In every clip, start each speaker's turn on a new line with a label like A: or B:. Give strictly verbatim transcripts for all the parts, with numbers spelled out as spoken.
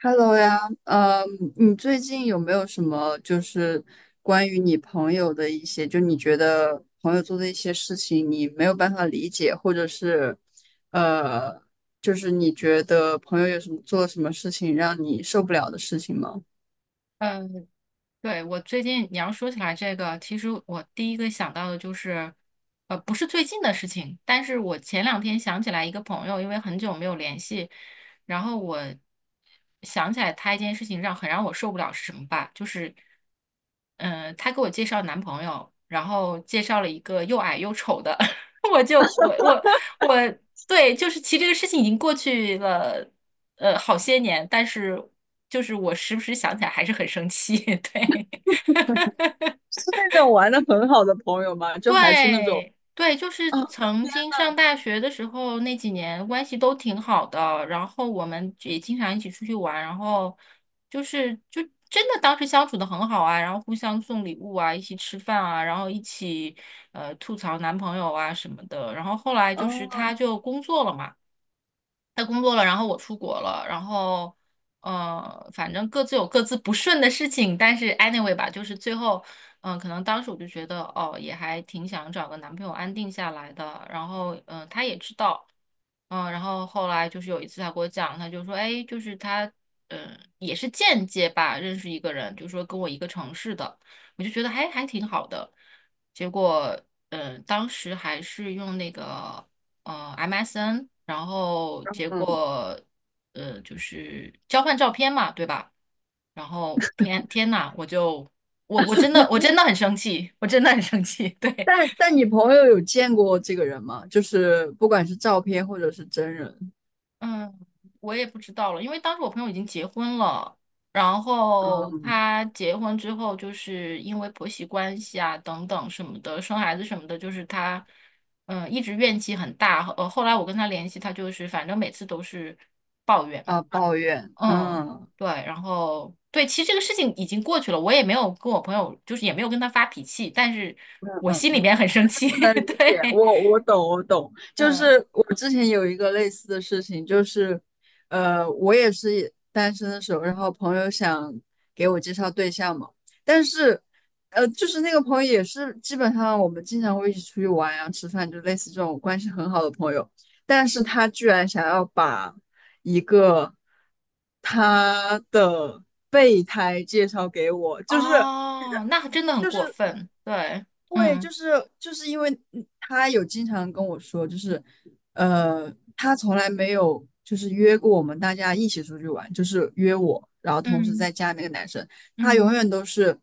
A: Hello 呀，呃，你最近有没有什么就是关于你朋友的一些，就你觉得朋友做的一些事情，你没有办法理解，或者是，呃，就是你觉得朋友有什么做了什么事情让你受不了的事情吗？
B: 嗯，对，我最近你要说起来这个，其实我第一个想到的就是，呃，不是最近的事情，但是我前两天想起来一个朋友，因为很久没有联系，然后我想起来他一件事情让很让我受不了是什么吧？就是，嗯、他给我介绍男朋友，然后介绍了一个又矮又丑的，我就我我我对，就是其实这个事情已经过去了，呃，好些年，但是。就是我时不时想起来还是很生气，对。
A: 是那种玩的很好的朋友吗？就还是那种
B: 对对，就
A: 啊，
B: 是曾
A: 天
B: 经上
A: 呐！
B: 大学的时候那几年关系都挺好的，然后我们也经常一起出去玩，然后就是就真的当时相处的很好啊，然后互相送礼物啊，一起吃饭啊，然后一起呃吐槽男朋友啊什么的，然后后来就是
A: 哦，
B: 他就工作了嘛。他工作了，然后我出国了，然后呃，反正各自有各自不顺的事情，但是 anyway 吧，就是最后，嗯、可能当时我就觉得，哦，也还挺想找个男朋友安定下来的，然后，嗯、他也知道，嗯、然后后来就是有一次他给我讲，他就说，哎，就是他，嗯、也是间接吧认识一个人，就说跟我一个城市的，我就觉得还还挺好的，结果，嗯、当时还是用那个。呃 M S N，然后结
A: 嗯，
B: 果呃就是交换照片嘛，对吧？然后天天呐，我就我我真的我真的很生气，我真的很生气。对，
A: 但但你朋友有见过这个人吗？就是不管是照片或者是真人，
B: 嗯，我也不知道了，因为当时我朋友已经结婚了，然后
A: 嗯，
B: 他结婚之后，就是因为婆媳关系啊等等什么的，生孩子什么的，就是他嗯一直怨气很大。呃，后来我跟他联系，他就是反正每次都是。抱怨。
A: 啊，抱怨，
B: 嗯，
A: 嗯。
B: 对，然后对，其实这个事情已经过去了，我也没有跟我朋友，就是也没有跟他发脾气，但是
A: 嗯
B: 我
A: 嗯
B: 心里
A: 嗯，
B: 面很生气。
A: 不能理 解，
B: 对，
A: 我我懂，我懂，就
B: 嗯，
A: 是我之前有一个类似的事情，就是，呃，我也是单身的时候，然后朋友想给我介绍对象嘛，但是，呃，就是那个朋友也是基本上我们经常会一起出去玩啊、吃饭，就类似这种关系很好的朋友，但是他居然想要把一个他的备胎介绍给我，就是
B: 哦，那真的很
A: 就
B: 过
A: 是。
B: 分。对，
A: 对，
B: 嗯
A: 就是就是因为嗯他有经常跟我说，就是呃，他从来没有就是约过我们大家一起出去玩，就是约我，然后同时
B: 嗯
A: 再加那个男生，他永
B: 嗯，
A: 远都是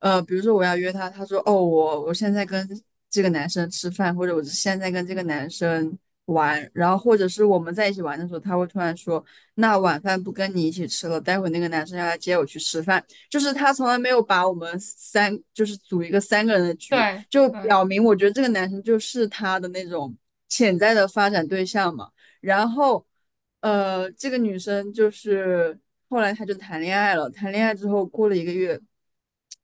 A: 呃，比如说我要约他，他说哦，我我现在跟这个男生吃饭，或者我现在跟这个男生玩，然后或者是我们在一起玩的时候，他会突然说，那晚饭不跟你一起吃了，待会那个男生要来接我去吃饭。就是他从来没有把我们三就是组一个三个人的局，
B: 对
A: 就
B: 对
A: 表明我觉得这个男生就是他的那种潜在的发展对象嘛。然后，呃，这个女生就是后来她就谈恋爱了，谈恋爱之后过了一个月，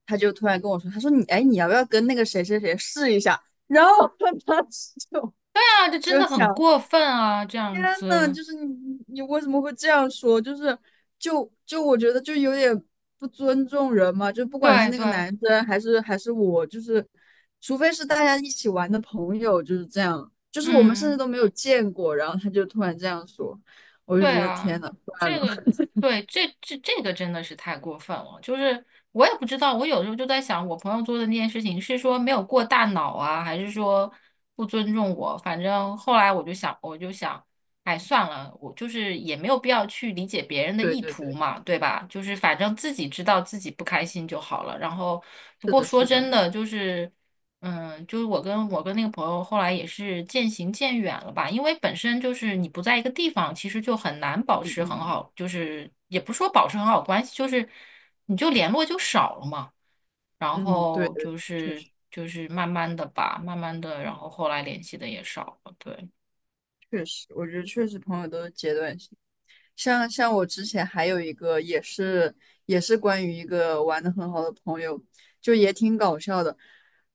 A: 他就突然跟我说，他说你哎你要不要跟那个谁谁谁试一下？然后 他当时就
B: 对啊，这真
A: 就
B: 的很
A: 想
B: 过分啊，这
A: 天
B: 样
A: 呐，
B: 子。
A: 就是你你为什么会这样说？就是就就我觉得就有点不尊重人嘛，就不管是
B: 对
A: 那个
B: 对，
A: 男生还是还是我，就是除非是大家一起玩的朋友，就是这样，就是我们甚至
B: 嗯。
A: 都没有见过，然后他就突然这样说，我就
B: 对
A: 觉得
B: 啊，
A: 天呐，算
B: 这
A: 了，
B: 个 对这这这个真的是太过分了。就是我也不知道，我有时候就在想，我朋友做的那件事情是说没有过大脑啊，还是说不尊重我？反正后来我就想，我就想，哎，算了，我就是也没有必要去理解别人的
A: 对
B: 意
A: 对
B: 图
A: 对，
B: 嘛，对吧？就是反正自己知道自己不开心就好了。然后，不
A: 是
B: 过
A: 的，
B: 说
A: 是的，
B: 真的，就是。嗯，就是我跟我跟那个朋友后来也是渐行渐远了吧，因为本身就是你不在一个地方，其实就很难保
A: 嗯
B: 持很
A: 嗯
B: 好，就是也不是说保持很好关系，就是你就联络就少了嘛。然
A: 嗯，对
B: 后
A: 对
B: 就
A: 对，确
B: 是
A: 实。
B: 就是慢慢的吧，慢慢的，然后后来联系的也少了，对。
A: 确实，我觉得确实朋友都是阶段性。像像我之前还有一个也是也是关于一个玩的很好的朋友，就也挺搞笑的，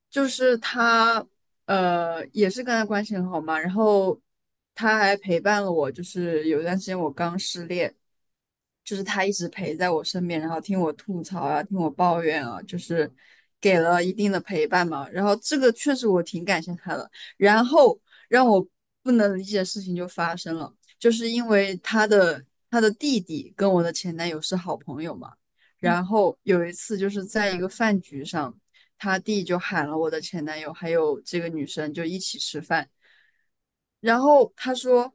A: 就是他呃也是跟他关系很好嘛，然后他还陪伴了我，就是有一段时间我刚失恋，就是他一直陪在我身边，然后听我吐槽啊，听我抱怨啊，就是给了一定的陪伴嘛，然后这个确实我挺感谢他的。然后让我不能理解的事情就发生了，就是因为他的他的弟弟跟我的前男友是好朋友嘛，然后有一次就是在一个饭局上，他弟就喊了我的前男友还有这个女生就一起吃饭，然后他说。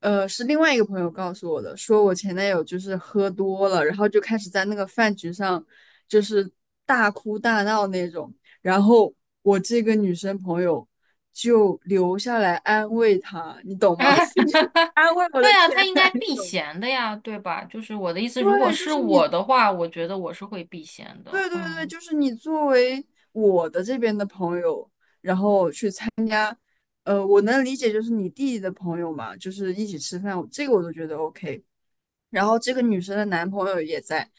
A: 呃，是另外一个朋友告诉我的，说我前男友就是喝多了，然后就开始在那个饭局上就是大哭大闹那种。然后我这个女生朋友就留下来安慰他，你懂吗？就 安慰我
B: 对
A: 的
B: 啊，
A: 前
B: 他应该
A: 男
B: 避
A: 友。
B: 嫌的呀，对吧？就是我的意思，如果
A: 对，就
B: 是
A: 是你，
B: 我的话，我觉得我是会避嫌的。
A: 对对对，
B: 嗯，
A: 就是你作为我的这边的朋友，呃，我能理解，就是你弟弟的朋友嘛，就是一起吃饭，这个我都觉得 OK。然后这个女生的男朋友也在，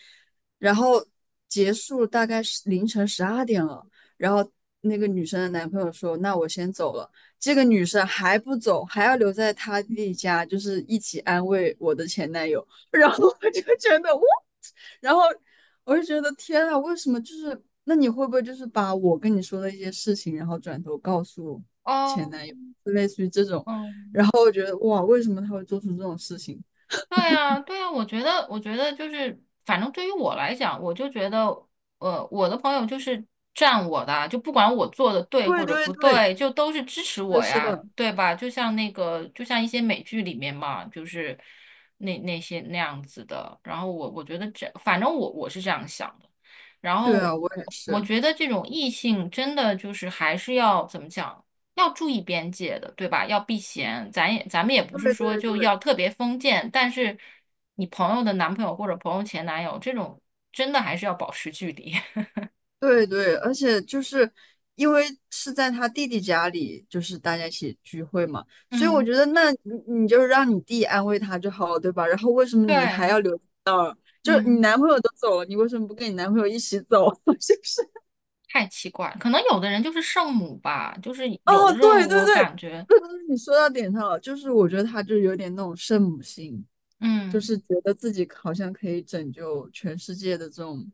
A: 然后结束大概是凌晨十二点了，然后那个女生的男朋友说：“那我先走了。”这个女生还不走，还要留在她弟弟家，就是一起安慰我的前男友。然后我就觉得，哇。然后我就觉得天啊，为什么就是那你会不会就是把我跟你说的一些事情，然后转头告诉前
B: 哦，
A: 男友，就类似于这种，
B: 嗯。
A: 然后我觉得哇，为什么他会做出这种事情？
B: 对啊，对啊，我觉得，我觉得就是，反正对于我来讲，我就觉得，呃，我的朋友就是站我的啊就不管我做的对或
A: 对
B: 者
A: 对
B: 不
A: 对，
B: 对，就都是支持
A: 是的，
B: 我
A: 是
B: 呀，
A: 的，
B: 对吧？就像那个，就像一些美剧里面嘛，就是那那些那样子的。然后我我觉得这，反正我我是这样想的。然
A: 对
B: 后
A: 啊，我也
B: 我我
A: 是，
B: 觉得这种异性真的就是还是要怎么讲，要注意边界的，对吧？要避嫌，咱也咱们也不是
A: 对
B: 说
A: 对
B: 就
A: 对
B: 要特别封建，但是你朋友的男朋友或者朋友前男友这种，真的还是要保持距离。
A: 对对，而且就是因为是在他弟弟家里，就是大家一起聚会嘛，所以我
B: 嗯，
A: 觉得那你你就让你弟安慰他就好了，对吧？然后为什么你还
B: 对，
A: 要留？就是你
B: 嗯，
A: 男朋友都走了，你为什么不跟你男朋友一起走？是不是？
B: 太奇怪了可能有的人就是圣母吧，就是
A: 哦，
B: 有的时候
A: 对对
B: 我
A: 对，
B: 感觉，
A: 对对对你说到点上了。就是我觉得他就有点那种圣母心，就
B: 嗯
A: 是觉得自己好像可以拯救全世界的这种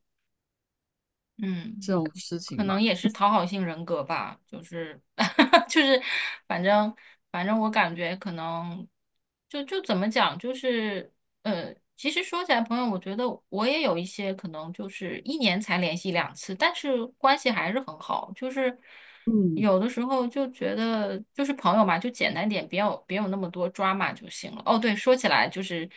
B: 嗯。
A: 这种事
B: 可
A: 情
B: 能
A: 吧。
B: 也是讨好性人格吧，就是 就是，反正反正我感觉可能就就怎么讲，就是呃，其实说起来，朋友，我觉得我也有一些可能就是一年才联系两次，但是关系还是很好，就是
A: 嗯，
B: 有的时候就觉得就是朋友嘛，就简单点，别有别有那么多 drama 就行了。哦，对，说起来就是。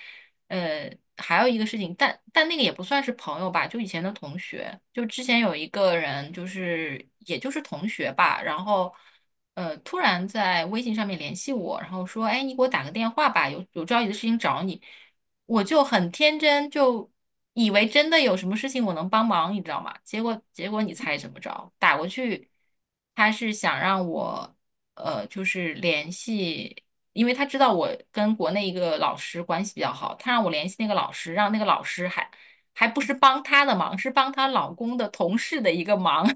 B: 呃，还有一个事情，但但那个也不算是朋友吧，就以前的同学，就之前有一个人，就是也就是同学吧，然后呃，突然在微信上面联系我，然后说，哎，你给我打个电话吧，有有着急的事情找你，我就很天真，就以为真的有什么事情我能帮忙，你知道吗？结果结果你猜怎么着？打过去，他是想让我呃，就是联系。因为他知道我跟国内一个老师关系比较好，他让我联系那个老师，让那个老师还还不是帮他的忙，是帮他老公的同事的一个忙，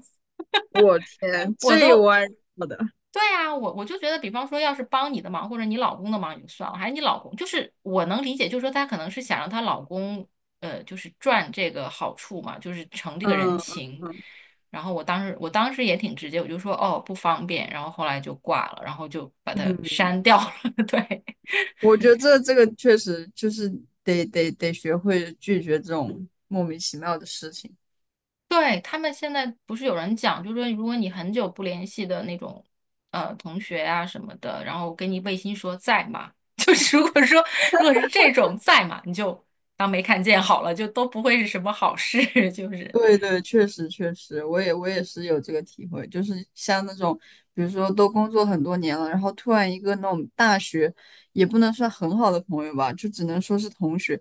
A: 我 天，
B: 我
A: 这
B: 都。
A: 玩意儿的，
B: 对啊，我我就觉得，比方说，要是帮你的忙或者你老公的忙也就算了，还是你老公，就是我能理解，就是说她可能是想让她老公，呃，就是赚这个好处嘛，就是成这个人
A: 嗯
B: 情。
A: 嗯
B: 然后我当时我当时也挺直接，我就说哦不方便，然后后来就挂了，然后就把它
A: 嗯，
B: 删掉了。对，
A: 我觉得这这个确实就是得得得学会拒绝这种莫名其妙的事情。
B: 对，他们现在不是有人讲，就是说如果你很久不联系的那种呃同学啊什么的，然后给你微信说在吗？就是如果说如果是这种在嘛，你就当没看见好了，就都不会是什么好事，就是
A: 对对，确实确实，我也我也是有这个体会，就是像那种，比如说都工作很多年了，然后突然一个那种大学，也不能算很好的朋友吧，就只能说是同学，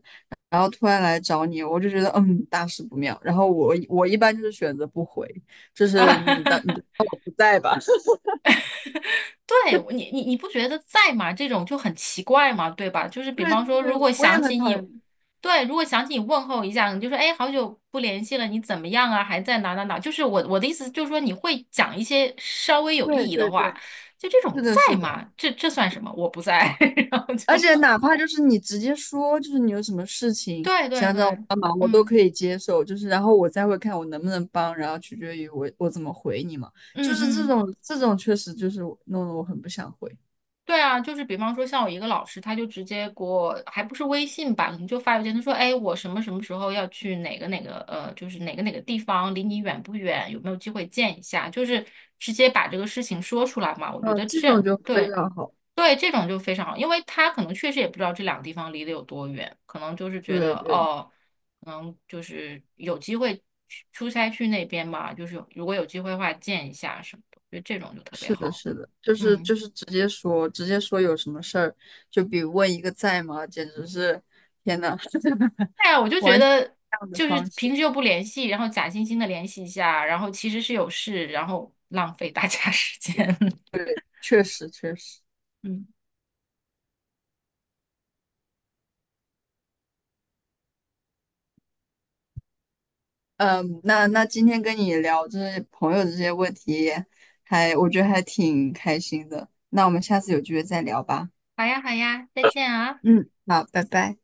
A: 然后突然来找你，我就觉得嗯，大事不妙。然后我我一般就是选择不回，就
B: 啊。
A: 是你的你就 不在吧。
B: 对你，你你不觉得在吗？这种就很奇怪嘛，对吧？就是比
A: 对
B: 方说，
A: 对
B: 如
A: 对，
B: 果
A: 我也
B: 想
A: 很
B: 起
A: 讨
B: 你，
A: 厌。
B: 对，如果想起你问候一下，你就说，哎，好久不联系了，你怎么样啊？还在哪哪哪？就是我我的意思就是说，你会讲一些稍微有意
A: 对
B: 义的
A: 对
B: 话，
A: 对，
B: 就这种
A: 是的，是
B: 在
A: 的。
B: 吗？这这算什么？我不在，然后
A: 而
B: 就
A: 且哪怕就是你直接说，就是你有什么事 情
B: 对对
A: 想找我
B: 对，
A: 帮忙，我都
B: 嗯
A: 可以接受。就是然后我再会看我能不能帮，然后取决于我我怎么回你嘛。就
B: 嗯
A: 是这
B: 嗯。
A: 种这种确实就是我弄得我很不想回。
B: 对啊，就是比方说像我一个老师，他就直接给我，还不是微信吧，可能就发邮件，他说，哎，我什么什么时候要去哪个哪个，呃，就是哪个哪个地方，离你远不远，有没有机会见一下，就是直接把这个事情说出来嘛。我觉
A: 嗯、
B: 得
A: 这
B: 这
A: 种就非
B: 对
A: 常好。
B: 对这种就非常好，因为他可能确实也不知道这两个地方离得有多远，可能就是觉
A: 对
B: 得
A: 对，
B: 哦，可能就是有机会去出差去那边嘛，就是有如果有机会的话见一下什么的，我觉得这种就特别
A: 是的，
B: 好。
A: 是的，就是
B: 嗯。
A: 就是直接说，直接说有什么事儿，就比问一个在吗，简直是天呐，
B: 对呀，我就觉
A: 完全不
B: 得
A: 一样的
B: 就是
A: 方式，
B: 平时又不联系，然后假惺惺的联系一下，然后其实是有事，然后浪费大家时间。
A: 确实确实。
B: 嗯，
A: 嗯，那那今天跟你聊这些朋友的这些问题还，我觉得还挺开心的。那我们下次有机会再聊吧。
B: 好呀，好呀，再见啊。
A: 嗯，好，拜拜。